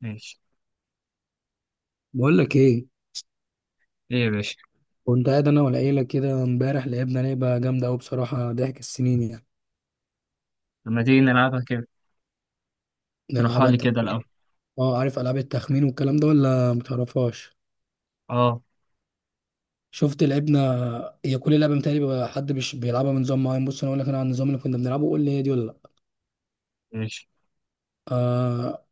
ماشي. بقول لك ايه؟ ايه يا باشا؟ كنت قاعد انا والعيله كده امبارح، لعبنا لعبه جامده قوي بصراحه، ضحك السنين يعني. لما تيجي نلعبها كده. اشرحها نلعبها لي انت. كده الأول. اه، عارف العاب التخمين والكلام ده ولا متعرفهاش؟ اه، شفت لعبنا. هي كل لعبه متهيألي بيبقى حد مش بيلعبها بنظام معين. بص انا اقول لك انا عن النظام اللي كنا بنلعبه، قول لي هي دي ولا لا. ماشي. آه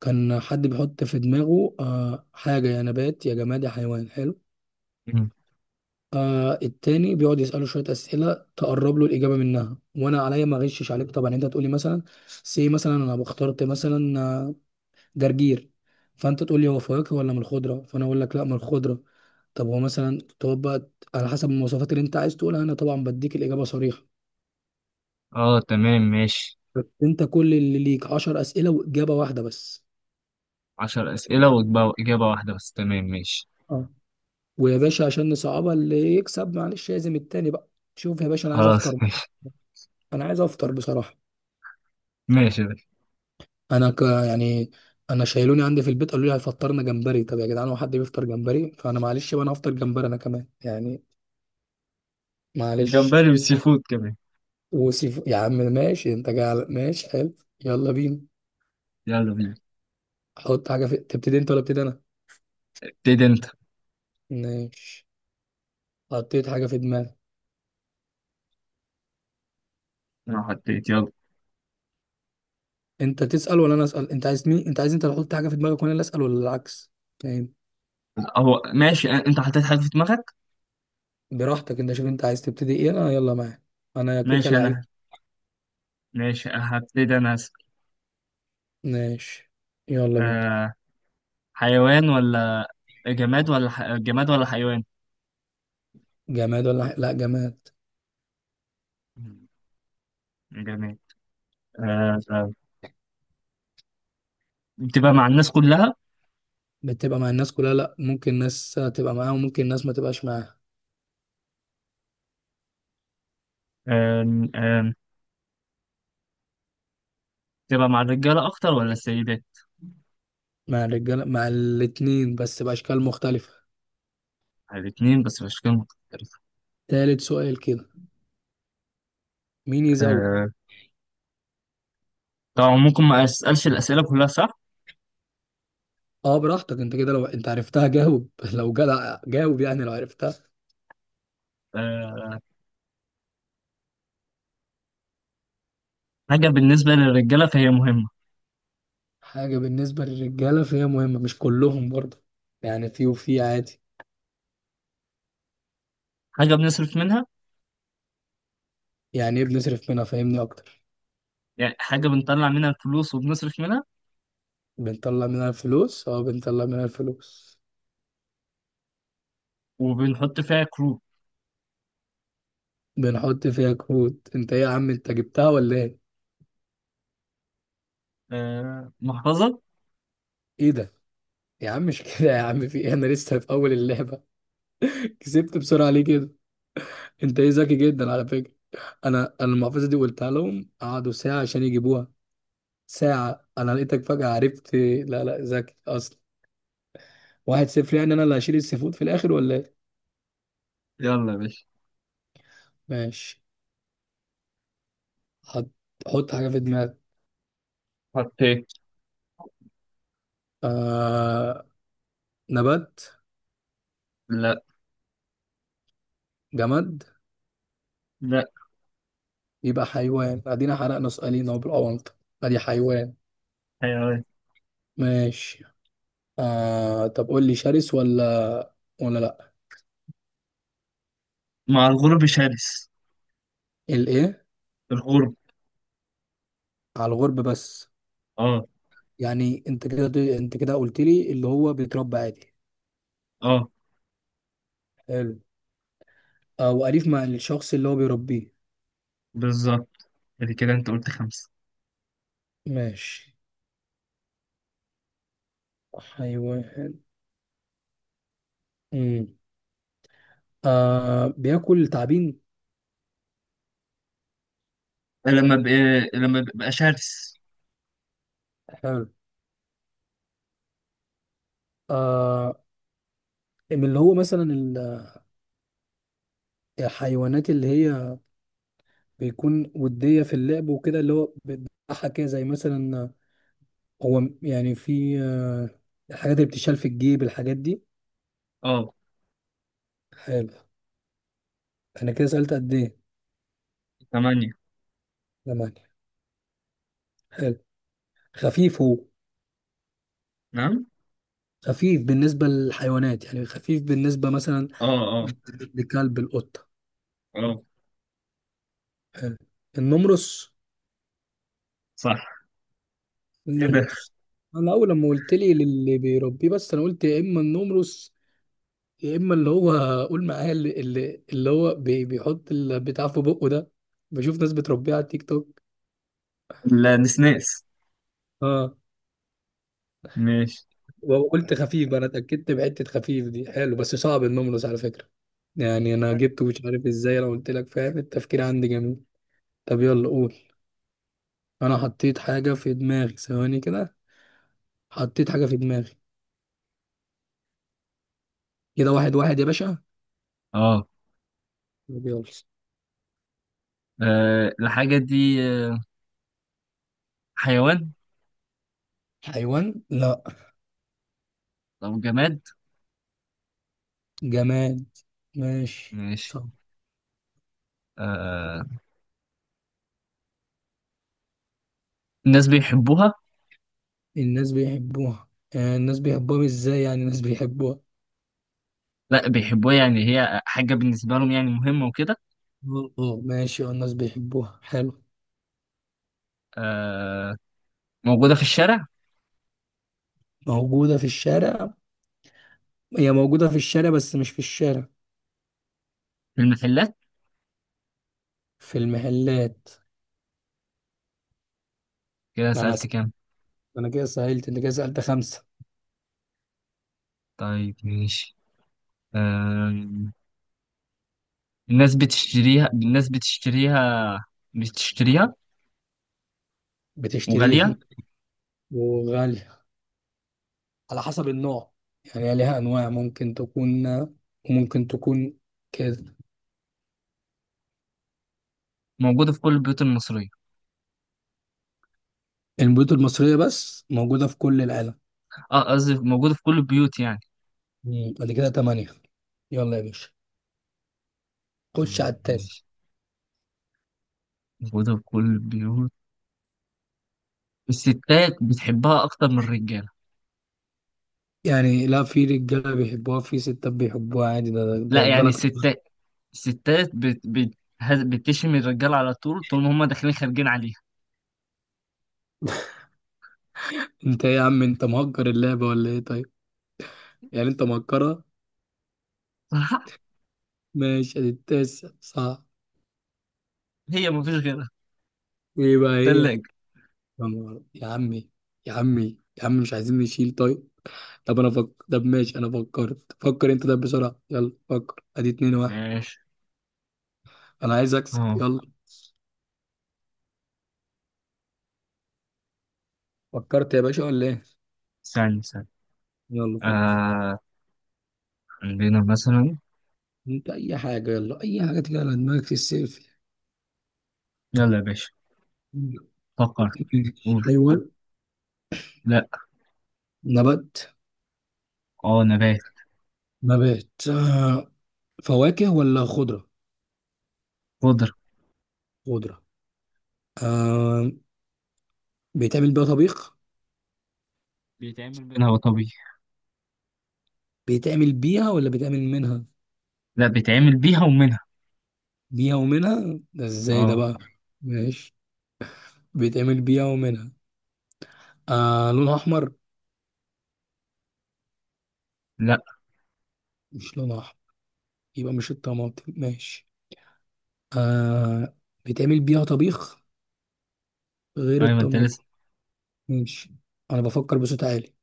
كان حد بيحط في دماغه حاجه، يا نبات يا جماد يا حيوان. حلو. مم. التاني بيقعد يسأله شوية أسئلة تقرب له الإجابة منها، وأنا عليا ما أغشش عليك طبعا. يعني أنت تقولي مثلا، سي مثلا أنا اخترت مثلا جرجير. فانت تقول لي هو فواكه ولا من الخضره، فانا اقول لك لا من الخضره. طب هو مثلا تقعد بقى على حسب المواصفات اللي انت عايز تقولها، انا طبعا بديك الاجابه صريحه. اه، تمام، ماشي. بس انت كل اللي ليك 10 اسئله واجابه واحده بس. 10 أسئلة وإجابة إجابة واحدة بس. تمام، ماشي. اه. ويا باشا عشان نصعبها اللي يكسب، معلش لازم التاني بقى. شوف يا باشا انا عايز خلاص افطر. ماشي، انا عايز افطر بصراحه. ماشي يا باشا. انا يعني. انا شايلوني عندي في البيت قالوا لي هيفطرنا جمبري. طب يا جدعان هو حد بيفطر جمبري؟ فانا معلش بقى، انا هفطر جمبري انا كمان يعني. معلش. الجمبري والسي فود كمان. وسيف يا عم ماشي، انت جاي على ماشي. حلو. يلا بينا. يلا بينا. حط حاجه في، تبتدي انت ولا ابتدي انا؟ ابتدي انت. ماشي. حطيت حاجه في دماغي. انا حطيت، يلا. انت تسال ولا انا اسال؟ انت عايز مين؟ انت عايز انت اللي تحط حاجه في دماغك وانا اللي اسال ولا العكس؟ فاهم. هو ماشي. انت حطيت حاجة في دماغك. براحتك انت، شوف انت عايز تبتدي ايه، انا يلا معاك. انا كيكه ماشي انا. لعيب. ماشي، هبتدي انا أسأل. ماشي. يلا بينا. آه. حيوان ولا جماد ولا جماد ولا حيوان. جماد ولا لا، جماد. مم. جماد. آه، آه. بتبقى مع الناس كلها. بتبقى مع الناس كلها؟ لا، ممكن ناس تبقى معاها وممكن ناس ما تبقاش معاها. آه، آه. تبقى مع الرجالة أكتر ولا السيدات؟ مع الرجاله، مع الاتنين بس باشكال مختلفه. مع الاتنين بس بشكل مختلف. تالت سؤال كده. مين يزوج. آه، طبعا ممكن ما أسألش الأسئلة كلها صح. اه براحتك انت، كده لو انت عرفتها جاوب لو جدع جاوب يعني لو عرفتها. آه، حاجة بالنسبة للرجالة فهي مهمة. حاجة بالنسبة للرجالة فهي مهمة، مش كلهم برضه. يعني في وفي عادي. حاجة بنصرف منها. يعني ايه بنصرف منها؟ فاهمني اكتر. يعني حاجة بنطلع منها الفلوس وبنصرف منها. بنطلع منها الفلوس، اه بنطلع منها الفلوس. وبنحط فيها كروت. بنحط فيها كروت؟ انت ايه يا عم، انت جبتها ولا ايه؟ آه، محفظة. ايه ده. يا عم مش كده، يا عم في ايه؟ انا لسه في اول اللعبة. كسبت بسرعة ليه كده؟ انت ايه ذكي جدا على فكرة. انا المحفظة دي قلتها لهم قعدوا ساعة عشان يجيبوها. ساعة أنا لقيتك فجأة عرفت. لا لا، ذكي أصلا. 1-0 يعني، أنا اللي هشيل السفود في الآخر ولا إيه؟ يلا يا باشا. ماشي. حط. حط حاجة في دماغك. حطيت. آه... نبات؟ لا، جماد؟ لا. يبقى حيوان. أدينا حرقنا سؤالين أهو بالأونطة. أدي حيوان. حيوان. ماشي. طب قول لي شرس ولا ولا لأ؟ مع الغرب شرس. الإيه؟ الغرب. على الغرب بس؟ اه، يعني أنت كده، أنت كده قلت لي اللي هو بيتربى عادي. اه، حلو. أو أليف مع الشخص اللي هو بيربيه. بالظبط. ادي كده انت قلت 5. ماشي. حيوان. امم بياكل تعابين. لما بقى شرس. حلو. آه من اللي هو مثلا الحيوانات اللي هي بيكون ودية في اللعب وكده، اللي هو بتضحك كده زي مثلا هو يعني في، الحاجات اللي بتشال في الجيب، الحاجات دي. اه. حلو. انا كده سألت قد ايه؟ 8. زمان. حلو. خفيف هو؟ نعم. خفيف بالنسبة للحيوانات يعني، خفيف بالنسبة مثلا اه، آه. لكلب، القطة. اه، حلو. النمرس. صح. ايه ده؟ النمرس. انا اول لما قلت لي للي بيربيه، بس انا قلت يا اما النمرس يا اما اللي هو، قول معايا، اللي هو بيحط البتاع في بقه ده، بشوف ناس بتربيه على التيك توك. النسناس. اه. ماشي. وقلت خفيف، انا اتاكدت بحته خفيف دي. حلو بس صعب النمرس على فكره، يعني انا جبته مش عارف ازاي لو قلت لك، فاهم التفكير عندي جميل. طب يلا قول. انا حطيت حاجه في دماغي، ثواني كده. حطيت حاجه في دماغي. كده واحد واحد يا باشا. اه، طب يلا. آه، الحاجة دي. آه، حيوان حيوان، لا. أو جماد. جماد. ماشي ماشي. صح. آه. الناس بيحبوها. الناس بيحبوها. الناس بيحبوها، ازاي يعني الناس بيحبوها؟ لا، بيحبوها يعني هي حاجة بالنسبة لهم، يعني مهمة وكده. اه آه، ماشي اه الناس بيحبوها. حلو. آه. موجودة في الشارع. موجودة في الشارع. هي موجودة في الشارع بس مش في الشارع. في المحلات. في المحلات. كده انا سألت س... كام؟ انا كده سهلت، انت كده سألت 5. طيب، ماشي. آه. الناس بتشتريها بتشتريها. بتشتريها. وغالية. وغالية. على حسب النوع، يعني هي ليها انواع ممكن تكون وممكن تكون كده. موجودة في كل البيوت المصرية. البيوت المصرية، بس موجودة في كل العالم. اه، قصدي موجودة في كل البيوت يعني. مم. بعد كده 8. يلا يا باشا، خش على التاسع. ماشي. موجودة في كل البيوت. الستات بتحبها أكتر من الرجالة. يعني لا، في رجاله بيحبوها في ستات بيحبوها عادي، ده لا يعني البلد. الستات. الستات بتشم الرجالة على طول، طول ما هما داخلين خارجين عليها. انت ايه يا عم، انت مهكر اللعبه ولا ايه طيب؟ يعني انت مهكرها. صح؟ ماشي ادي التاسع صح. هي مفيش غيرها. وايه بقى هي؟ تلاجة. يا عمي. يا عمي يا عم، مش عايزين نشيل طيب. طب انا فكر. طب ماشي انا فكرت، فكر انت ده بسرعه، يلا فكر، ادي 2-1. ماشي. انا عايز اكسب، اه، يلا. فكرت يا باشا ولا ايه؟ ثاني، ثاني. يلا فكر. آه، عندنا مثلا. انت اي حاجه، يلا اي حاجه تيجي على دماغك السيلفي. يلا يا باشا، فكر. قول. حيوان؟ لا. نبات. اه، نبات. نبات، فواكه ولا خضرة؟ خضرة. خضرة. آه بيتعمل بيها طبيخ؟ بيتعمل منها وطبيعي. بيتعمل بيها ولا بيتعمل منها؟ لا، بيتعمل بيها ومنها. بيها ومنها، ده ازاي ده اه. بقى؟ ماشي. بيتعمل بيها ومنها. لونها أحمر؟ لا. مش لونها أحمر، يبقى مش الطماطم. ماشي. آه بيتعمل بيها طبيخ غير ايوه انت الطماطم. لسه. ماشي. أنا بفكر بصوت عالي،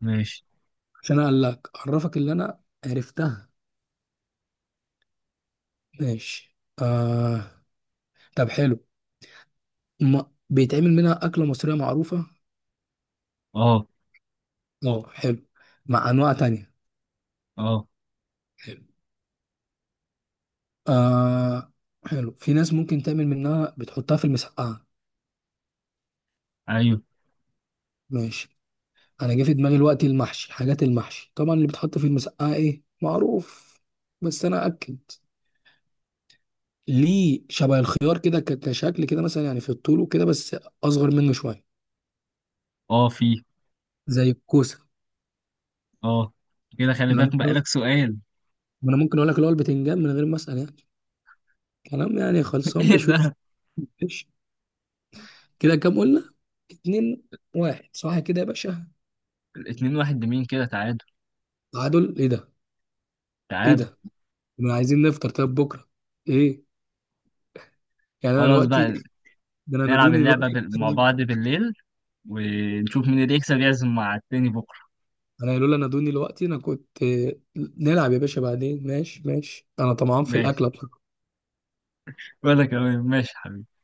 ماشي. عشان أقلك، أعرفك اللي أنا عرفتها. ماشي. آه طب حلو، ما بيتعمل منها أكلة مصرية معروفة. اه. اه حلو، مع انواع تانية. اه، حلو. آه حلو، في ناس ممكن تعمل منها بتحطها في المسقعه. ايوه. ماشي. انا جه في دماغي الوقت المحشي، حاجات المحشي طبعا اللي بتحط في المسقعه ايه معروف. بس انا اكد ليه، شبه الخيار كده كشكل كده مثلا يعني في الطول وكده بس اصغر منه شويه، اه، في. زي الكوسه. اه. كده خلي انا بالك ممكن بقالك سؤال. انا ممكن اقول لك اللي هو البتنجان من غير ما اسال يعني، كلام يعني خلصان ايه بشوش. ده؟ كده كام قلنا؟ 2-1، صح كده يا باشا؟ الاتنين واحد لمين كده؟ تعادل. تعادل؟ ايه ده. ايه تعادل. ده. ما عايزين نفطر طب بكره؟ ايه؟ يعني انا خلاص دلوقتي، بقى. ده انا نلعب نادوني اللعبة دلوقتي. مع بعض بالليل ونشوف مين اللي يكسب يعزم مع التاني بكرة. انا قالوا لي نادوني دلوقتي، انا كنت. نلعب يا باشا بعدين، ماشي ماشي، انا طمعان في ماشي. الاكله. ولا كمان ماشي حبيبي.